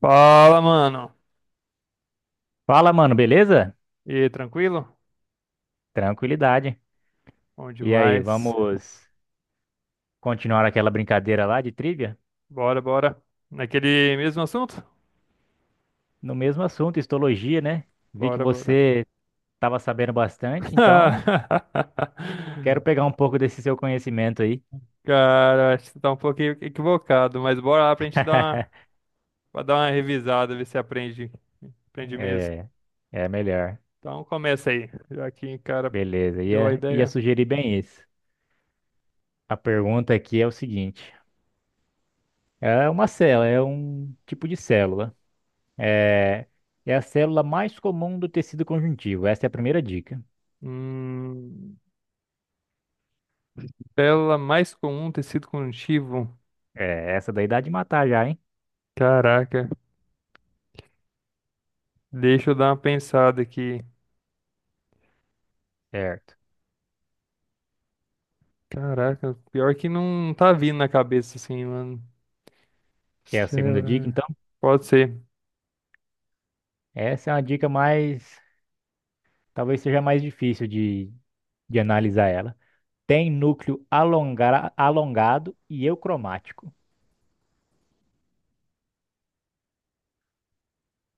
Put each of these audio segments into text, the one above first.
Fala, mano. Fala, mano, beleza? E aí, tranquilo? Tranquilidade. Bom E aí, demais. vamos continuar aquela brincadeira lá de trivia? Bora, bora. Naquele mesmo assunto? No mesmo assunto, histologia, né? Vi que Bora, bora. você estava sabendo bastante, então quero pegar um pouco desse seu conhecimento aí. Cara, acho que você tá um pouquinho equivocado, mas bora lá pra gente dar uma, pra dar uma revisada, ver se aprende, aprende mesmo. É, é melhor. Então começa aí, já que, cara, Beleza, deu a ia ideia. sugerir bem isso. A pergunta aqui é o seguinte: é uma célula, é um tipo de célula. É, é a célula mais comum do tecido conjuntivo. Essa é a primeira dica. Hum, tela mais comum, tecido conjuntivo. É, essa daí dá de matar já, hein? Caraca, deixa eu dar uma pensada aqui. Certo. Caraca, pior que não tá vindo na cabeça assim, mano. Que é a segunda dica, Será? então? Pode ser. Essa é uma dica mais. Talvez seja mais difícil de analisar ela. Tem núcleo alongado e eucromático.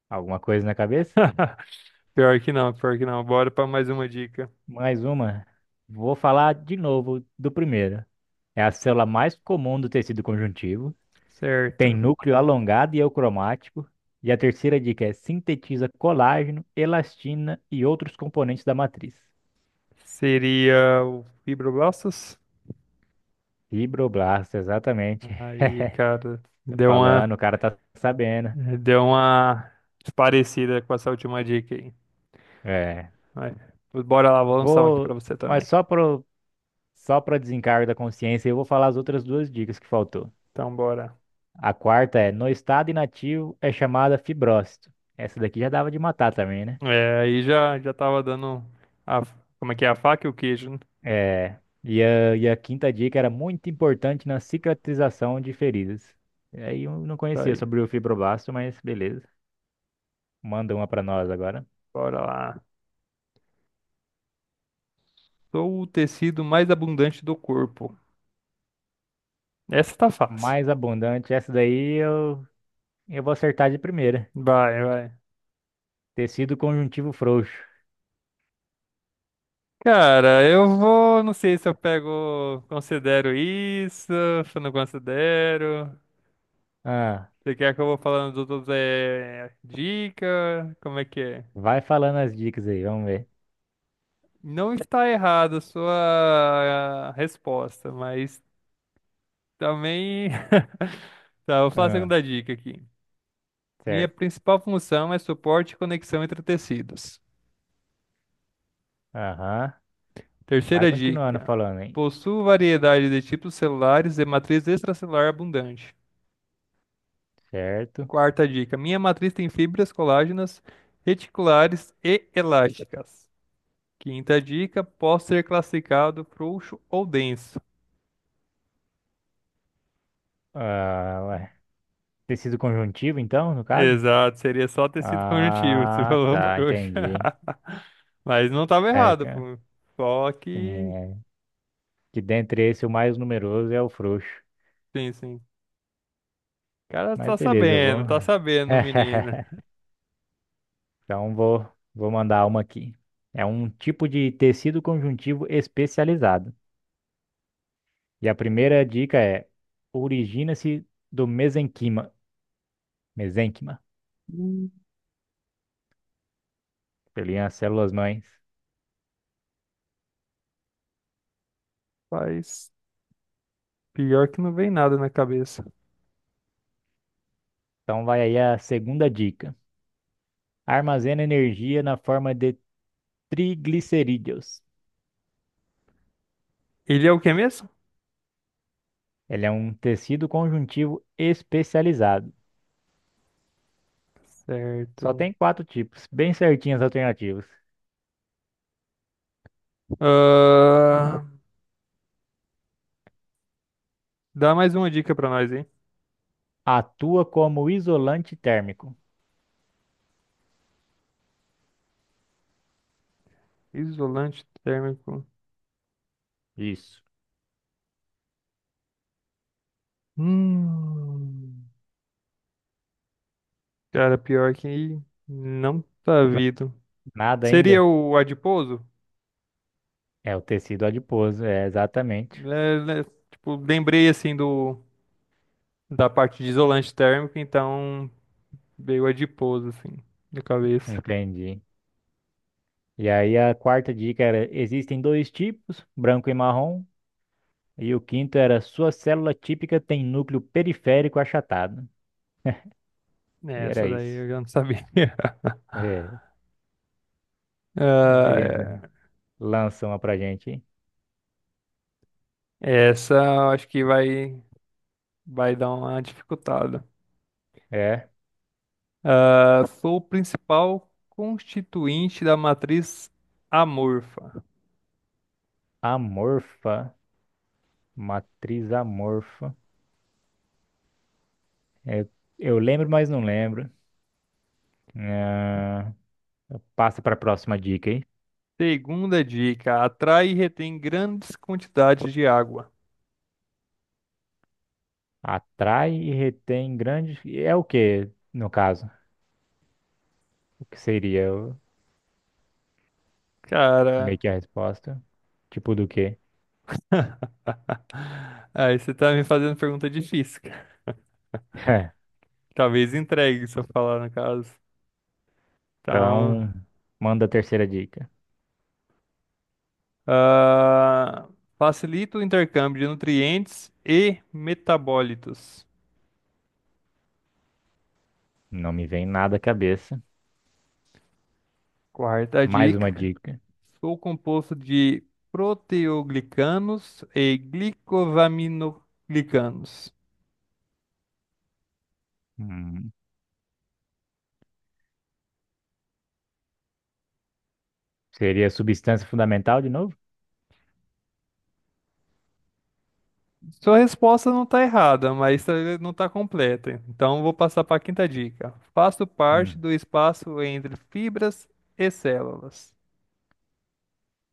Alguma coisa na cabeça? Pior que não, pior que não. Bora pra mais uma dica. Mais uma. Vou falar de novo do primeiro. É a célula mais comum do tecido conjuntivo. Tem Certo. núcleo alongado e eucromático. E a terceira dica é sintetiza colágeno, elastina e outros componentes da matriz. Seria o fibroblastos? Fibroblasto, exatamente. Aí, cara, Tá deu uma, falando, o cara tá sabendo. Deu uma parecida com essa última dica aí. É. Vai. Bora lá, vou lançar um aqui pra Vou, você mas também. Só para desencargo da consciência, eu vou falar as outras duas dicas que faltou. Então, bora. A quarta é, no estado inativo é chamada fibrose. Essa daqui já dava de matar também, né? É, aí já, já tava dando a, como é que é a faca e o queijo, né? É. E a quinta dica era muito importante na cicatrização de feridas. E aí eu não Tá conhecia aí. sobre o fibroblasto, mas beleza. Manda uma pra nós agora. Bora lá. Sou o tecido mais abundante do corpo. Essa tá fácil. Mais abundante, essa daí eu vou acertar de primeira. Vai, vai. Tecido conjuntivo frouxo. Cara, eu vou. Não sei se eu pego. Considero isso, se eu não considero. Ah, Você quer que eu vou falando dos outros é, dica? Como é que é? vai falando as dicas aí, vamos ver. Não está errada a sua resposta, mas também. Tá, vou falar a Ah, segunda dica aqui. Minha certo. principal função é suporte e conexão entre tecidos. Aham. Vai Terceira continuando dica. falando, hein? Possuo variedade de tipos celulares e matriz extracelular abundante. Certo. Quarta dica. Minha matriz tem fibras colágenas reticulares e elásticas. Quinta dica. Posso ser classificado frouxo ou denso. Ah, ué. Tecido conjuntivo, então, no caso? Exato, seria só tecido conjuntivo, você Ah, falou tá, frouxo. entendi. Mas não estava É, errado, pô. Só que. é, que dentre esse o mais numeroso é o frouxo. Sim, sim. O cara Mas beleza, eu vou. Tá sabendo, menina. Então vou mandar uma aqui. É um tipo de tecido conjuntivo especializado. E a primeira dica é: origina-se do mesenquima. Mesenquima. Hum, Pelinha, as células mães. Mas pior que não vem nada na cabeça. Então vai aí a segunda dica. Armazena energia na forma de triglicerídeos. Ele é o que mesmo? Ele é um tecido conjuntivo especializado. Só Certo. tem quatro tipos, bem certinhas as alternativas. Ah, dá mais uma dica pra nós, hein? Atua como isolante térmico. Isolante térmico. Isso. Hum, cara, pior que não tá vindo. Nada Seria ainda? o adiposo? É o tecido adiposo, é exatamente. É, né, tipo, lembrei assim do da parte de isolante térmico, então veio adiposo assim na cabeça. Entendi. E aí a quarta dica era: existem dois tipos, branco e marrom. E o quinto era: sua célula típica tem núcleo periférico achatado. É, E era essa daí isso. eu já não sabia. É, mas beleza. Ah, Lança uma pra gente, hein? é, essa eu acho que vai vai dar uma dificultada. É. Ah, sou o principal constituinte da matriz amorfa. Amorfa. Matriz amorfa. É, eu lembro, mas não lembro. Ah, passa pra próxima dica, hein? Segunda dica: atrai e retém grandes quantidades de água. Atrai e retém grandes. É o que no caso? O que seria o- Cara, meio que a resposta? Tipo do quê? aí você tá me fazendo pergunta difícil, cara. Talvez entregue se eu falar no caso. Então, Então, manda a terceira dica. ah, facilita o intercâmbio de nutrientes e metabólitos. Não me vem nada à cabeça. Quarta Mais uma dica. dica. Sou composto de proteoglicanos e glicovaminoglicanos. Hum, seria substância fundamental de novo? Sua resposta não está errada, mas tá- não está completa. Então vou passar para a quinta dica. Faço parte Hum, do espaço entre fibras e células.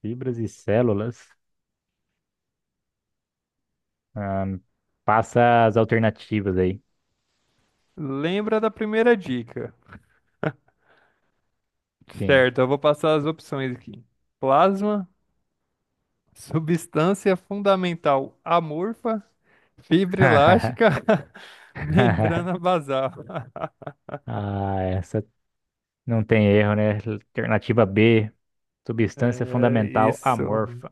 Fibras e células. Ah, passa as alternativas aí. Lembra da primeira dica? Sim. Certo, eu vou passar as opções aqui. Plasma, substância fundamental amorfa, fibra elástica, membrana basal. Ah, essa não tem erro, né? Alternativa B, substância É fundamental isso. amorfa.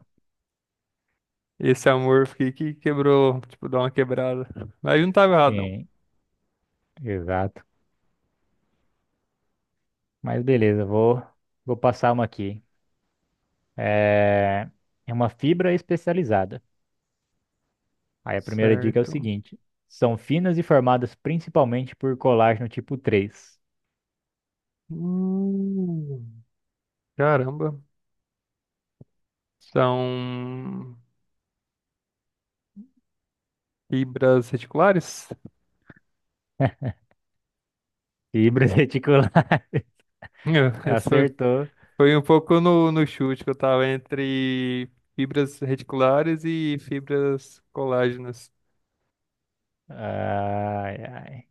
Esse amor fiquei que quebrou, tipo, dá uma quebrada. Mas não tava errado, não. Sim, exato. Mas beleza, vou passar uma aqui. É, é uma fibra especializada. Aí a primeira dica é o Certo. seguinte: são finas e formadas principalmente por colágeno tipo três. Hum, caramba. São fibras reticulares? Fibras reticulares. Essa foi Acertou. foi um pouco no, no chute que eu tava entre fibras reticulares e fibras colágenas. Ai, ai.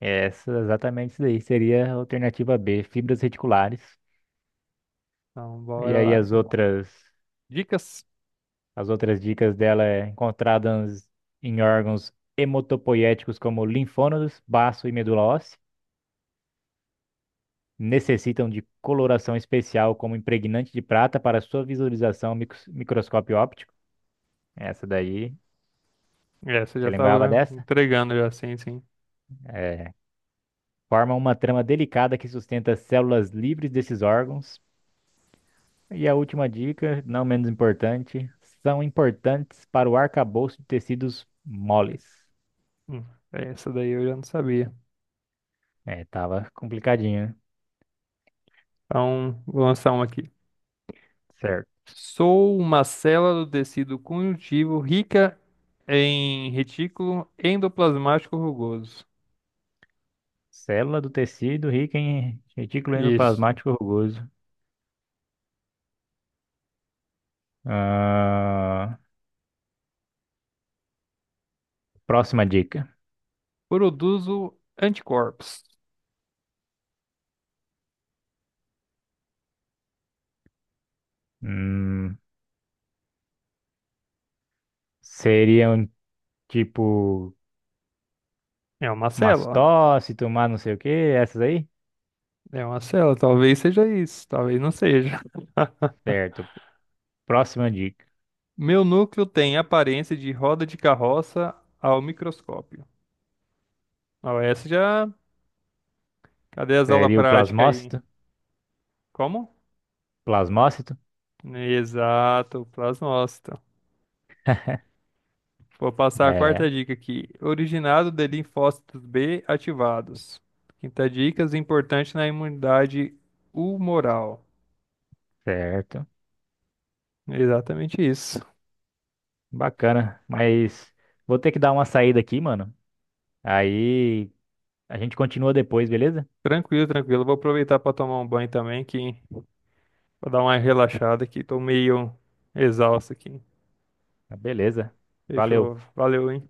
Essa, exatamente isso daí. Seria a alternativa B, fibras reticulares. Então, E bora aí lá. Dicas? as outras dicas dela é encontradas em órgãos hematopoiéticos como linfônodos, baço e medula óssea. Necessitam de coloração especial como impregnante de prata para sua visualização microscópio óptico. Essa daí, Essa eu você já lembrava tava né, dessa? entregando já, sim, sim. É. Formam uma trama delicada que sustenta as células livres desses órgãos. E a última dica, não menos importante, são importantes para o arcabouço de tecidos moles. Hum, essa daí eu já não sabia. É, tava complicadinho, né? Então, vou lançar uma aqui. Certo. Sou uma célula do tecido conjuntivo rica em retículo endoplasmático rugoso. Célula do tecido rica em retículo Isso. endoplasmático rugoso. Ah, próxima dica. Produzo anticorpos. Hum, seriam tipo É uma célula. mastócito, mas não sei o que, essas aí? É uma célula. Talvez seja isso. Talvez não seja. Certo. Próxima dica. Meu núcleo tem aparência de roda de carroça ao microscópio. Ó, essa já. Cadê as aulas Seria o práticas aí? plasmócito? Como? Plasmócito? Exato, plasmócito. Vou passar a É, quarta dica aqui. Originado de linfócitos B ativados. Quinta dica, importante na imunidade humoral. certo. Exatamente isso. Bacana. Mas vou ter que dar uma saída aqui, mano. Aí a gente continua depois, beleza? Tranquilo, tranquilo. Vou aproveitar para tomar um banho também, que vou dar uma relaxada aqui. Tô meio exausto aqui. Beleza. Valeu. Fechou. Valeu, hein?